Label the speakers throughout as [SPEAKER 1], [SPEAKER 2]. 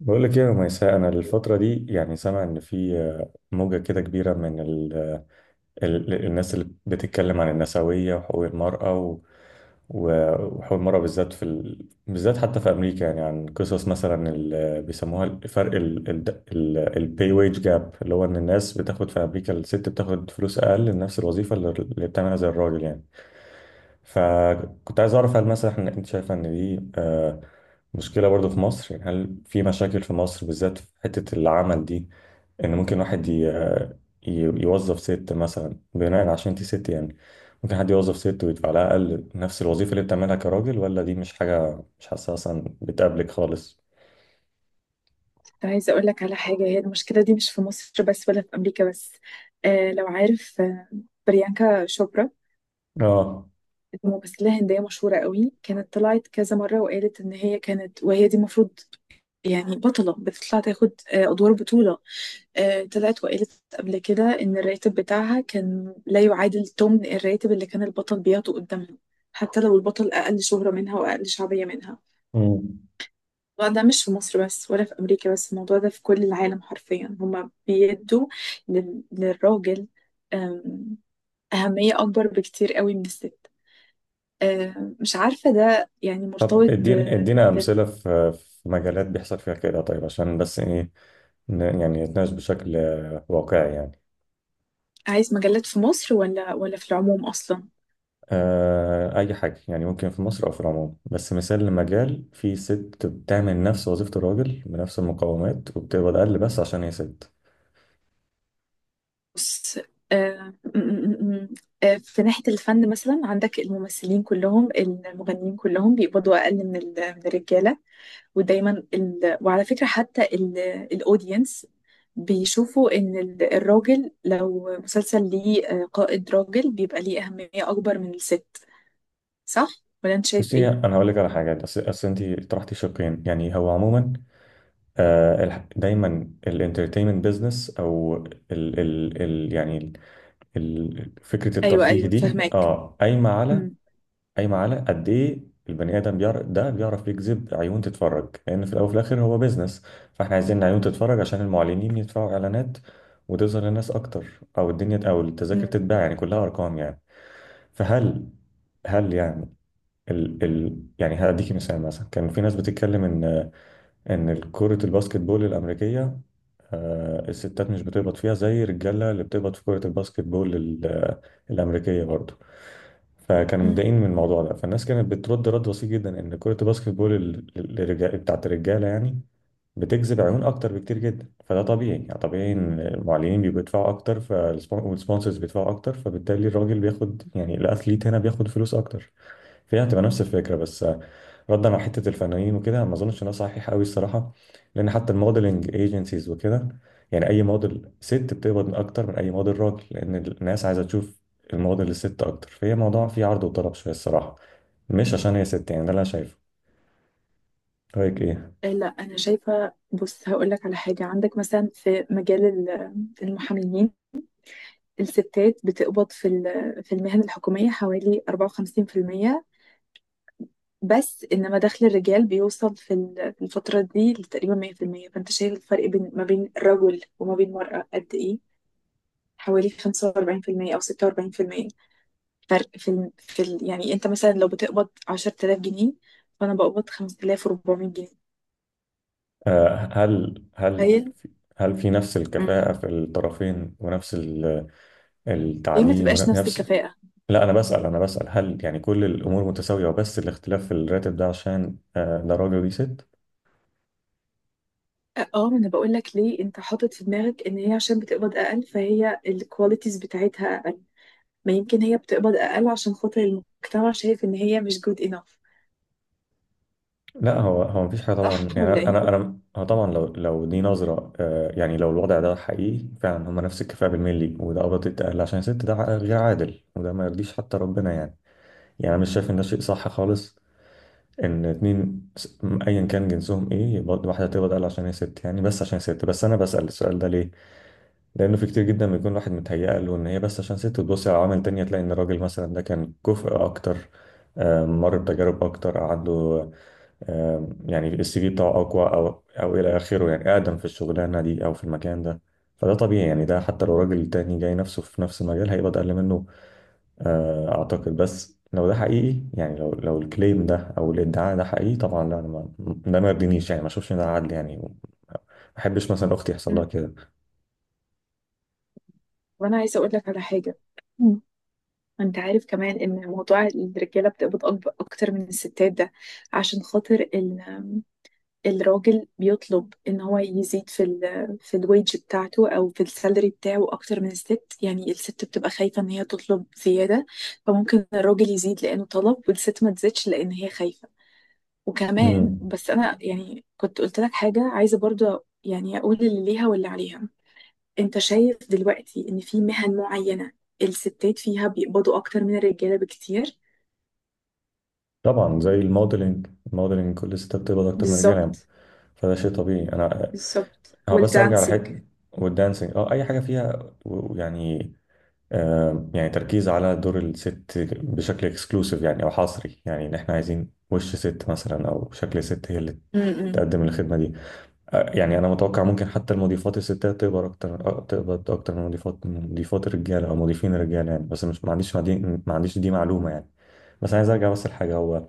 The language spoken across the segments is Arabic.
[SPEAKER 1] بقول لك ايه يا ميساء. انا الفتره دي يعني سامع ان في موجه كده كبيره من الناس اللي بتتكلم عن النسويه وحقوق المراه، وحول مرة بالذات بالذات حتى في أمريكا، يعني عن قصص مثلا اللي بيسموها الفرق البي ويج جاب، اللي هو إن الناس بتاخد في أمريكا، الست بتاخد فلوس أقل لنفس الوظيفة اللي بتعملها زي الراجل يعني. فكنت عايز أعرف هل مثلا أنت شايفة إن دي مشكلة برضو في مصر؟ يعني هل في مشاكل في مصر بالذات في حتة العمل دي، ان ممكن واحد يوظف ست مثلا بناء عشان انت ست يعني، ممكن حد يوظف ست ويدفع لها اقل نفس الوظيفه اللي بتعملها كراجل؟ ولا دي مش حاجه، مش حاسسها اصلا بتقابلك خالص؟
[SPEAKER 2] كنت عايزة أقول لك على حاجة. هي المشكلة دي مش في مصر بس ولا في أمريكا بس. آه لو عارف آه، بريانكا شوبرا،
[SPEAKER 1] اه.
[SPEAKER 2] ممثلة هندية مشهورة قوي، كانت طلعت كذا مرة وقالت إن هي كانت، وهي دي المفروض بطلة بتطلع تاخد أدوار بطولة. طلعت وقالت قبل كده إن الراتب بتاعها كان لا يعادل ثمن الراتب اللي كان البطل بياخده قدامها، حتى لو البطل أقل شهرة منها وأقل شعبية منها.
[SPEAKER 1] مم.
[SPEAKER 2] الموضوع ده مش في مصر بس ولا في أمريكا بس، الموضوع ده في كل العالم حرفيا. هما بيدوا للراجل أم، أهمية أكبر بكتير قوي من الست. مش عارفة ده يعني
[SPEAKER 1] طب
[SPEAKER 2] مرتبط ب...
[SPEAKER 1] ادينا
[SPEAKER 2] ب...
[SPEAKER 1] امثله في مجالات بيحصل فيها كده، طيب، عشان بس ايه، يعني نتناقش بشكل واقعي يعني.
[SPEAKER 2] عايز مجلات في مصر ولا في العموم أصلا؟
[SPEAKER 1] آه، اي حاجه يعني، ممكن في مصر او في العموم، بس مثال لمجال فيه ست بتعمل نفس وظيفه الراجل بنفس المقومات وبتقبض اقل بس عشان هي ست.
[SPEAKER 2] بص، أم، م- م- م- أم، في ناحية الفن مثلا، عندك الممثلين كلهم، المغنيين كلهم بيقبضوا أقل من الرجالة. ودايما وعلى فكرة حتى الأودينس بيشوفوا إن الراجل لو مسلسل ليه قائد راجل بيبقى ليه أهمية أكبر من الست. صح؟ ولا أنت شايف
[SPEAKER 1] بصي
[SPEAKER 2] إيه؟
[SPEAKER 1] انا هقول لك على حاجه. أصل انت طرحتي شقين يعني. هو عموما دايما الانترتينمنت بزنس، او ال ال ال يعني ال فكره
[SPEAKER 2] أيوه
[SPEAKER 1] الترفيه
[SPEAKER 2] أيوه
[SPEAKER 1] دي،
[SPEAKER 2] فهماك.
[SPEAKER 1] اه، قايمه على،
[SPEAKER 2] أمم،
[SPEAKER 1] قد ايه البني ادم بيعرف، ده بيعرف يجذب عيون تتفرج، لان في الاول وفي الاخر هو بزنس. فاحنا عايزين عيون تتفرج عشان المعلنين يدفعوا اعلانات، وتظهر للناس اكتر، او الدنيا، او التذاكر
[SPEAKER 2] أمم،
[SPEAKER 1] تتباع، يعني كلها ارقام يعني. فهل، يعني، ال ال يعني هديكي مثال. مثلا كان في ناس بتتكلم ان كرة الباسكت بول الامريكية، الستات مش بتقبض فيها زي الرجالة اللي بتقبض في كرة الباسكت بول الامريكية برضه، فكانوا
[SPEAKER 2] أمم.
[SPEAKER 1] متضايقين من الموضوع ده. فالناس كانت بترد رد بسيط جدا، ان كرة الباسكت بول بتاعت الرجالة يعني بتجذب عيون اكتر بكتير جدا، فده طبيعي يعني. طبيعي ان المعلنين بيبقوا يدفعوا اكتر، فالسبونسرز بيدفعوا اكتر، فبالتالي الراجل بياخد، يعني الاتhlete هنا بياخد فلوس اكتر. فهي هتبقى نفس الفكرة بس. ردا على حته الفنانين وكده، ما اظنش ان ده صحيح قوي الصراحه، لان حتى الموديلنج ايجنسيز وكده يعني، اي موديل ست بتقبض اكتر من اي موديل راجل، لان الناس عايزه تشوف الموديل الست اكتر، فهي موضوع فيه عرض وطلب شويه الصراحه، مش عشان هي ست يعني. ده اللي انا شايفه. رايك ايه؟
[SPEAKER 2] آه، لا، أنا شايفة. بص، هقولك على حاجة. عندك مثلا في مجال المحاميين، الستات بتقبض في في المهن الحكومية حوالي 54%، بس انما دخل الرجال بيوصل في في الفترة دي لتقريبا 100%. فانت شايف الفرق بين ما بين الرجل وما بين المرأة قد ايه؟ حوالي 45% او 46% فرق يعني انت مثلا لو بتقبض 10,000 جنيه، فانا بقبض 5,400 جنيه.
[SPEAKER 1] هل
[SPEAKER 2] تخيل.
[SPEAKER 1] في هل في نفس
[SPEAKER 2] مم.
[SPEAKER 1] الكفاءه في الطرفين؟ ونفس
[SPEAKER 2] ليه ما
[SPEAKER 1] التعليم
[SPEAKER 2] تبقاش نفس
[SPEAKER 1] ونفس...
[SPEAKER 2] الكفاءة؟
[SPEAKER 1] لا انا بسال، هل يعني كل الامور متساويه، وبس الاختلاف في الراتب ده عشان ده راجل ودي ست؟
[SPEAKER 2] اه، ما انا بقول لك ليه. انت حاطط في دماغك ان هي عشان بتقبض اقل فهي الكواليتيز بتاعتها اقل. ما يمكن هي بتقبض اقل عشان خاطر المجتمع شايف ان هي مش جود انف.
[SPEAKER 1] لا، هو مفيش حاجه
[SPEAKER 2] صح
[SPEAKER 1] طبعا يعني.
[SPEAKER 2] ولا
[SPEAKER 1] انا
[SPEAKER 2] ايه؟
[SPEAKER 1] انا هو طبعا لو دي نظره، يعني لو الوضع ده حقيقي فعلا، هم نفس الكفاءه بالملي، وده قبض التقل عشان الست، ده غير عادل، وده ما يرضيش حتى ربنا يعني. يعني انا مش شايف ان ده شيء صح خالص، ان اتنين ايا كان جنسهم ايه، يبقى واحده تقبض اقل عشان هي ست يعني. بس عشان ست. بس انا بسال السؤال ده ليه؟ لانه في كتير جدا بيكون واحد متهيأ له ان هي بس عشان ست، وتبص على عوامل تانية تلاقي ان الراجل مثلا ده كان كفء اكتر، مر بتجارب اكتر، عنده يعني السي في بتاعه اقوى، او الى اخره، يعني اقدم في الشغلانه دي او في المكان ده، فده طبيعي يعني. ده حتى لو راجل تاني جاي نفسه في نفس المجال هيبقى اقل منه. اعتقد بس لو ده حقيقي يعني، لو الكليم ده او الادعاء ده حقيقي، طبعا لا، انا ما ده ما يرضينيش يعني، ما اشوفش ان ده عدل يعني، ما احبش مثلا اختي يحصل لها
[SPEAKER 2] مم.
[SPEAKER 1] كده.
[SPEAKER 2] وانا عايزه اقول لك على حاجه. مم. انت عارف كمان ان موضوع الرجاله بتقبض اكتر من الستات ده عشان خاطر الراجل بيطلب ان هو يزيد في في الويج بتاعته او في السالري بتاعه اكتر من الست. يعني الست بتبقى خايفه ان هي تطلب زياده، فممكن الراجل يزيد لانه طلب والست ما تزيدش لان هي خايفه. وكمان
[SPEAKER 1] امم.
[SPEAKER 2] بس انا كنت قلت لك حاجه عايزه برضو اقول اللي ليها واللي عليها. انت شايف دلوقتي ان في مهن معينة الستات فيها بيقبضوا اكتر من الرجالة بكتير.
[SPEAKER 1] طبعا زي الموديلنج. كل الستات بتقبض اكتر من الرجاله يعني.
[SPEAKER 2] بالظبط،
[SPEAKER 1] فده شيء طبيعي.
[SPEAKER 2] بالظبط.
[SPEAKER 1] هو بس ارجع
[SPEAKER 2] والدانسينج.
[SPEAKER 1] لحته والدانسينج، اه، اي حاجه فيها يعني يعني تركيز على دور الست بشكل اكسكلوسيف يعني، او حصري يعني، ان احنا عايزين وش ست مثلا، او شكل ست هي اللي
[SPEAKER 2] م-م.
[SPEAKER 1] تقدم الخدمه دي. يعني انا متوقع ممكن حتى المضيفات الستات تقبض اكتر، تقبض اكتر من مضيفات الرجاله او مضيفين الرجاله يعني. بس مش ما عنديش ما دي- ما عنديش دي معلومه يعني. بس عايز ارجع لحاجه. هو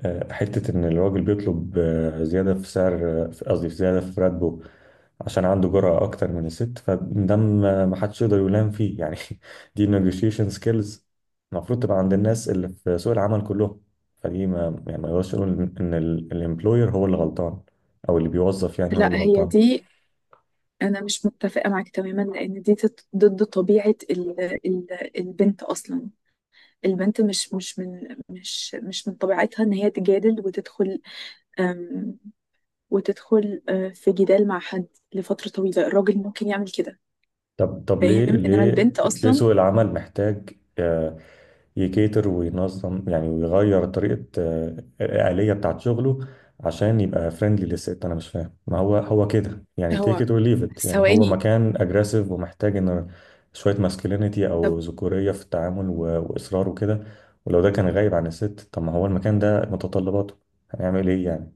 [SPEAKER 1] حتة إن الراجل بيطلب زيادة في سعر، قصدي في زيادة في راتبه، عشان عنده جرأة أكتر من الست، فده ما حدش يقدر يلام فيه يعني دي negotiation skills المفروض تبقى عند الناس اللي في سوق العمل كلهم، فدي ما يعني ما يقدرش يقول إن الامبلوير هو اللي غلطان، أو اللي بيوظف يعني هو
[SPEAKER 2] لا،
[SPEAKER 1] اللي
[SPEAKER 2] هي
[SPEAKER 1] غلطان.
[SPEAKER 2] دي، انا مش متفقة معاك تماما، لان دي ضد طبيعة ال ال البنت اصلا. البنت مش من طبيعتها ان هي تجادل وتدخل، أم، وتدخل في جدال مع حد لفترة طويلة. الراجل ممكن يعمل كده،
[SPEAKER 1] طب ليه،
[SPEAKER 2] فاهم؟ انما البنت اصلا…
[SPEAKER 1] سوق العمل محتاج آه، يكيتر وينظم يعني، ويغير طريقة الآلية بتاعت شغله عشان يبقى فريندلي للست؟ أنا مش فاهم. ما هو هو كده يعني، take it
[SPEAKER 2] هو
[SPEAKER 1] or leave it، يعني هو
[SPEAKER 2] ثواني.
[SPEAKER 1] مكان أجريسيف ومحتاج إن شوية ماسكلينيتي أو ذكورية في التعامل، وإصرار وكده. ولو ده كان غايب عن الست، طب ما هو المكان ده متطلباته، هنعمل إيه يعني؟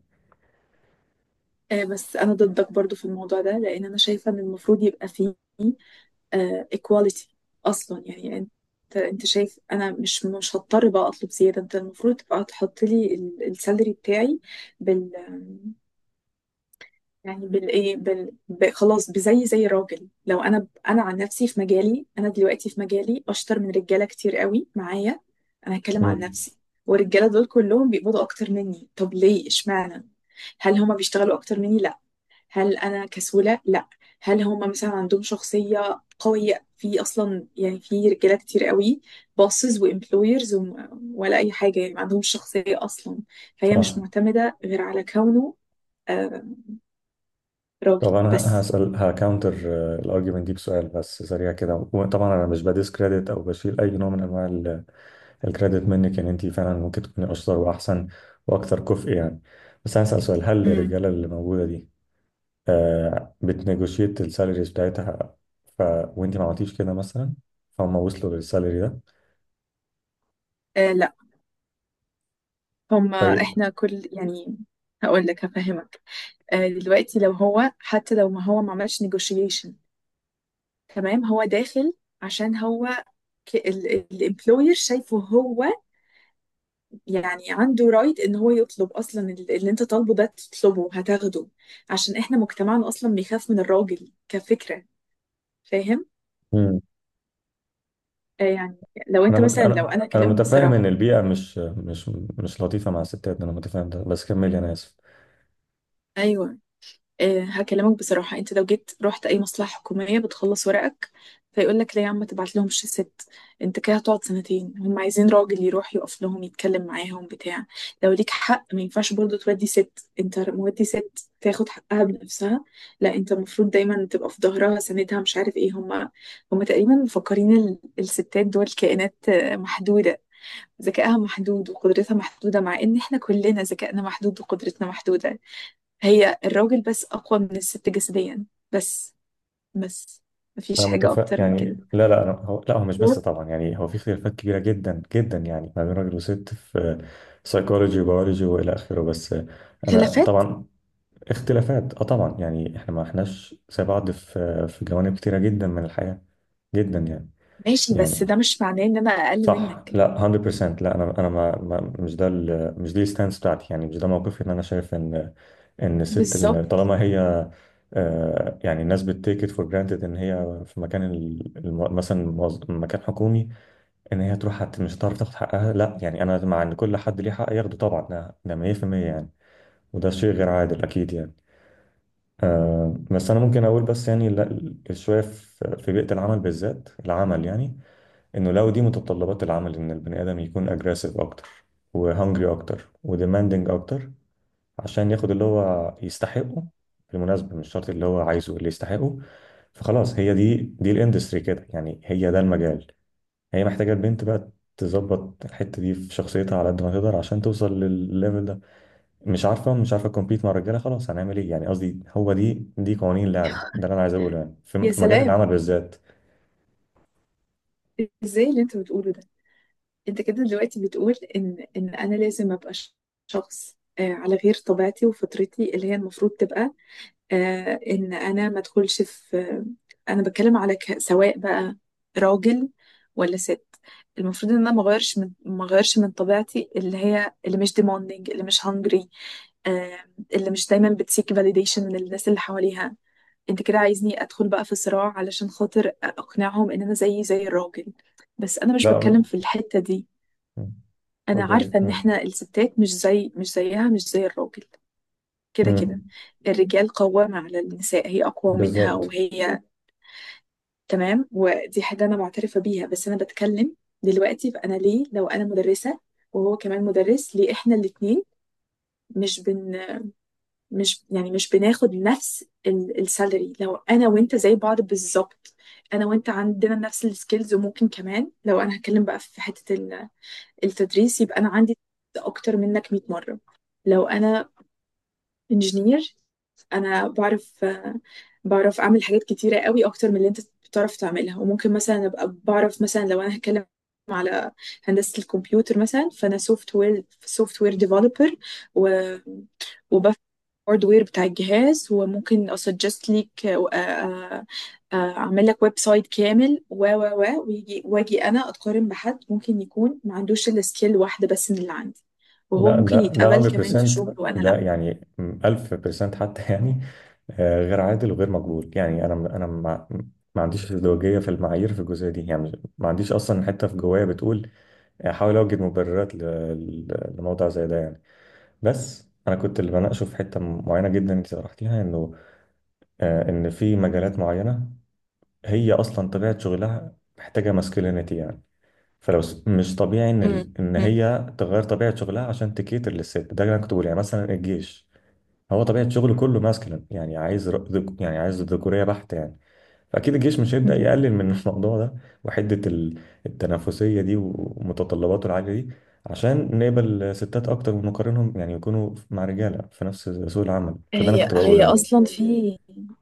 [SPEAKER 2] بس انا ضدك برضو في الموضوع ده، لان انا شايفه ان المفروض يبقى فيه ايكواليتي اصلا. يعني انت، انت شايف انا مش هضطر بقى اطلب زياده؟ انت المفروض تبقى تحط لي السالري بتاعي بال يعني بالايه بال... ب... خلاص بزي زي راجل. لو انا انا عن نفسي، في مجالي، انا دلوقتي في مجالي اشطر من رجاله كتير قوي معايا. انا هتكلم عن
[SPEAKER 1] امم.
[SPEAKER 2] نفسي. والرجاله دول كلهم بيقبضوا اكتر مني. طب ليه؟ اشمعنى؟ هل هما بيشتغلوا اكتر مني؟ لا. هل انا كسولة؟ لا. هل هم مثلا عندهم شخصية قوية؟ في اصلا يعني في رجالة كتير قوي bosses وامبلويرز، ولا اي حاجة يعني ما عندهمش شخصية اصلا. فهي مش
[SPEAKER 1] صح.
[SPEAKER 2] معتمدة غير على كونه آه، راجل
[SPEAKER 1] طب انا
[SPEAKER 2] بس.
[SPEAKER 1] هسال هكاونتر الارجيومنت دي بسؤال بس سريع كده. وطبعا انا مش بديس كريدت او بشيل اي نوع من انواع الكريدت منك يعني، انت فعلا ممكن تكوني اشطر واحسن واكثر كفء يعني. بس هسال سؤال. هل
[SPEAKER 2] امم
[SPEAKER 1] الرجاله اللي موجوده دي بتنيجوشيت السالاريز بتاعتها، ف وانت ما عملتيش كده مثلا، فهم وصلوا للسالري ده؟
[SPEAKER 2] لا،
[SPEAKER 1] طيب.
[SPEAKER 2] احنا كل هقول لك، هفهمك. دلوقتي لو هو، حتى لو ما هو ما عملش negotiation، تمام، هو داخل عشان هو، الامبلوير شايفه هو عنده رايت ان هو يطلب اصلا. اللي انت طالبه ده تطلبه هتاخده، عشان احنا مجتمعنا اصلا بيخاف من الراجل كفكرة. فاهم؟
[SPEAKER 1] مم.
[SPEAKER 2] آه يعني لو انت مثلا، لو
[SPEAKER 1] انا
[SPEAKER 2] انا
[SPEAKER 1] انا
[SPEAKER 2] اكلمك
[SPEAKER 1] متفاهم ان
[SPEAKER 2] بصراحة،
[SPEAKER 1] البيئه مش لطيفه مع الستات، انا متفاهم ده، بس كملي، انا اسف.
[SPEAKER 2] ايوه، هكلمك بصراحة. انت لو جيت رحت اي مصلحة حكومية بتخلص ورقك، فيقول لك لا يا عم تبعت لهم الشيسات، انت كده هتقعد سنتين. هم عايزين راجل يروح يقف لهم يتكلم معاهم بتاع. لو ليك حق، ما ينفعش برضه تودي ست. انت مودي ست تاخد حقها بنفسها؟ لا، انت المفروض دايما تبقى في ظهرها سندها. مش عارف ايه. هم هم تقريبا مفكرين الستات دول كائنات محدودة، ذكائها محدود وقدرتها محدودة، مع ان احنا كلنا ذكائنا محدود وقدرتنا محدودة. هي الراجل بس أقوى من الست جسديا بس، بس مفيش
[SPEAKER 1] انا
[SPEAKER 2] حاجة
[SPEAKER 1] متفق
[SPEAKER 2] أكتر من كده.
[SPEAKER 1] يعني. لا لا، أنا هو لا، هو مش بس طبعا يعني، هو في اختلافات كبيره جدا جدا يعني ما بين راجل وست في سايكولوجي وبيولوجي والى اخره. بس انا
[SPEAKER 2] خلافات،
[SPEAKER 1] طبعا، اختلافات اه طبعا يعني، احنا ما احناش زي بعض في جوانب كتيره جدا من الحياه، جدا
[SPEAKER 2] ماشي، بس
[SPEAKER 1] يعني
[SPEAKER 2] ده مش معناه إن أنا أقل
[SPEAKER 1] صح،
[SPEAKER 2] منك.
[SPEAKER 1] لا 100%، لا. انا انا مش ده مش دي الستانس بتاعتي يعني، مش ده موقفي. ان انا شايف ان الست
[SPEAKER 2] بالظبط.
[SPEAKER 1] طالما هي يعني، الناس بتتيك ات فور جرانتد ان هي في مكان مثلا مكان حكومي، ان هي تروح مش هتعرف تاخد حقها، لا يعني، انا مع ان كل حد ليه حق ياخده طبعا، ده 100% يعني. وده شيء غير عادل اكيد يعني. بس انا ممكن اقول بس يعني شويه، في بيئه العمل بالذات، يعني، انه لو دي متطلبات العمل، ان البني ادم يكون اجريسيف اكتر، وهنجري اكتر، وديماندنج اكتر، عشان ياخد اللي هو يستحقه، بالمناسبة مش شرط اللي هو عايزه اللي يستحقه، فخلاص هي دي الاندستري كده يعني، هي ده المجال. هي محتاجة البنت بقى تظبط الحتة دي في شخصيتها على قد ما تقدر، عشان توصل للليفل ده. مش عارفة تكمبيت مع الرجالة، خلاص هنعمل ايه يعني؟ قصدي هو دي، قوانين اللعب، ده اللي انا عايز اقوله يعني، في
[SPEAKER 2] يا
[SPEAKER 1] في مجال
[SPEAKER 2] سلام،
[SPEAKER 1] العمل بالذات.
[SPEAKER 2] ازاي اللي انت بتقوله ده؟ انت كده دلوقتي بتقول ان انا لازم ابقى شخص على غير طبيعتي وفطرتي اللي هي المفروض تبقى، ان انا ما ادخلش في… انا بتكلم على سواء بقى راجل ولا ست، المفروض ان انا ما اغيرش من طبيعتي، اللي هي اللي مش demanding، اللي مش hungry، آه، اللي مش دايما بتسيك validation من الناس اللي حواليها. انت كده عايزني ادخل بقى في صراع علشان خاطر اقنعهم ان انا زيي زي الراجل؟ بس انا مش
[SPEAKER 1] لا
[SPEAKER 2] بتكلم
[SPEAKER 1] م-
[SPEAKER 2] في الحتة دي. انا
[SPEAKER 1] اتفضلي،
[SPEAKER 2] عارفة ان احنا الستات مش زي الراجل. كده
[SPEAKER 1] كملي.
[SPEAKER 2] كده الرجال قوامة على النساء، هي أقوى منها
[SPEAKER 1] بالظبط.
[SPEAKER 2] وهي، تمام، ودي حاجة أنا معترفة بيها. بس أنا بتكلم دلوقتي. فأنا ليه، لو أنا مدرسة وهو كمان مدرس، ليه إحنا الاتنين مش بن مش يعني مش بناخد نفس السالري؟ لو أنا وأنت زي بعض بالظبط، أنا وأنت عندنا نفس السكيلز. وممكن كمان لو أنا هتكلم بقى في حتة التدريس، يبقى أنا عندي أكتر منك 100 مرة. لو أنا انجينير، انا بعرف بعرف اعمل حاجات كتيره قوي اكتر من اللي انت بتعرف تعملها. وممكن مثلا ابقى بعرف، مثلا لو انا هتكلم على هندسه الكمبيوتر مثلا، فانا سوفت وير، ديفلوبر، و وبفهم الهاردوير بتاع الجهاز، وممكن اسجست ليك اعمل لك ويب سايت كامل. و و و ويجي واجي انا اتقارن بحد ممكن يكون ما عندوش الا سكيل واحده بس من اللي عندي، وهو
[SPEAKER 1] لا
[SPEAKER 2] ممكن
[SPEAKER 1] ده،
[SPEAKER 2] يتقبل كمان في
[SPEAKER 1] 100%،
[SPEAKER 2] شغل وانا
[SPEAKER 1] ده
[SPEAKER 2] لا.
[SPEAKER 1] يعني 1000% حتى يعني، غير عادل وغير مقبول يعني. انا انا ما عنديش ازدواجيه في المعايير في الجزئيه دي يعني، ما عنديش اصلا حته في جوايا بتقول احاول اوجد مبررات لموضوع زي ده يعني. بس انا كنت اللي بناقشه في حته معينه جدا انت طرحتيها، انه ان في مجالات معينه هي اصلا طبيعه شغلها محتاجه ماسكلينيتي يعني، فلو مش طبيعي ان ان
[SPEAKER 2] مم.
[SPEAKER 1] هي تغير طبيعه شغلها عشان تكيتر للست، ده اللي انا كنت بقول يعني. مثلا الجيش، هو طبيعه شغله كله ماسكلين يعني، عايز يعني عايز ذكوريه بحت يعني. فاكيد الجيش مش هيبدا
[SPEAKER 2] مهم.
[SPEAKER 1] يقلل من الموضوع ده وحده، التنافسيه دي ومتطلباته العاليه دي، عشان نقبل ستات اكتر ونقارنهم يعني، يكونوا مع رجاله في نفس سوق العمل. فده انا
[SPEAKER 2] هي
[SPEAKER 1] كنت
[SPEAKER 2] هي
[SPEAKER 1] بقوله يعني.
[SPEAKER 2] اصلا في،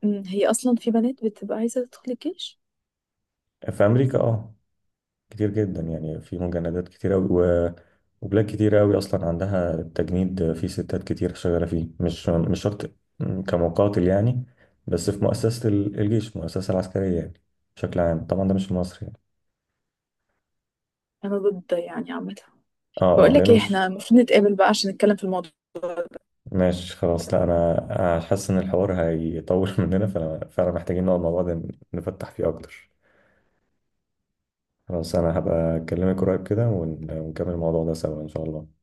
[SPEAKER 2] هي اصلا في بنات بتبقى عايزه تدخل الجيش.
[SPEAKER 1] في امريكا اه كتير جدا يعني، في مجندات كتير أوي، وبلاد كتير أوي أصلا عندها التجنيد، في ستات كتير شغالة فيه، مش شرط كمقاتل يعني، بس في مؤسسة الجيش، المؤسسة العسكرية يعني بشكل عام. طبعا ده مش في مصر يعني.
[SPEAKER 2] انا ضد يعني عامه.
[SPEAKER 1] اه،
[SPEAKER 2] بقول
[SPEAKER 1] اه،
[SPEAKER 2] لك
[SPEAKER 1] لأنه
[SPEAKER 2] ايه،
[SPEAKER 1] مش...
[SPEAKER 2] احنا المفروض نتقابل بقى عشان نتكلم في الموضوع.
[SPEAKER 1] ماشي، خلاص. لا أنا حاسس إن الحوار هيطول مننا، فأنا فعلا محتاجين نقعد مع بعض نفتح فيه أكتر. خلاص أنا هبقى أكلمك قريب كده، ونكمل الموضوع ده سوا إن شاء الله.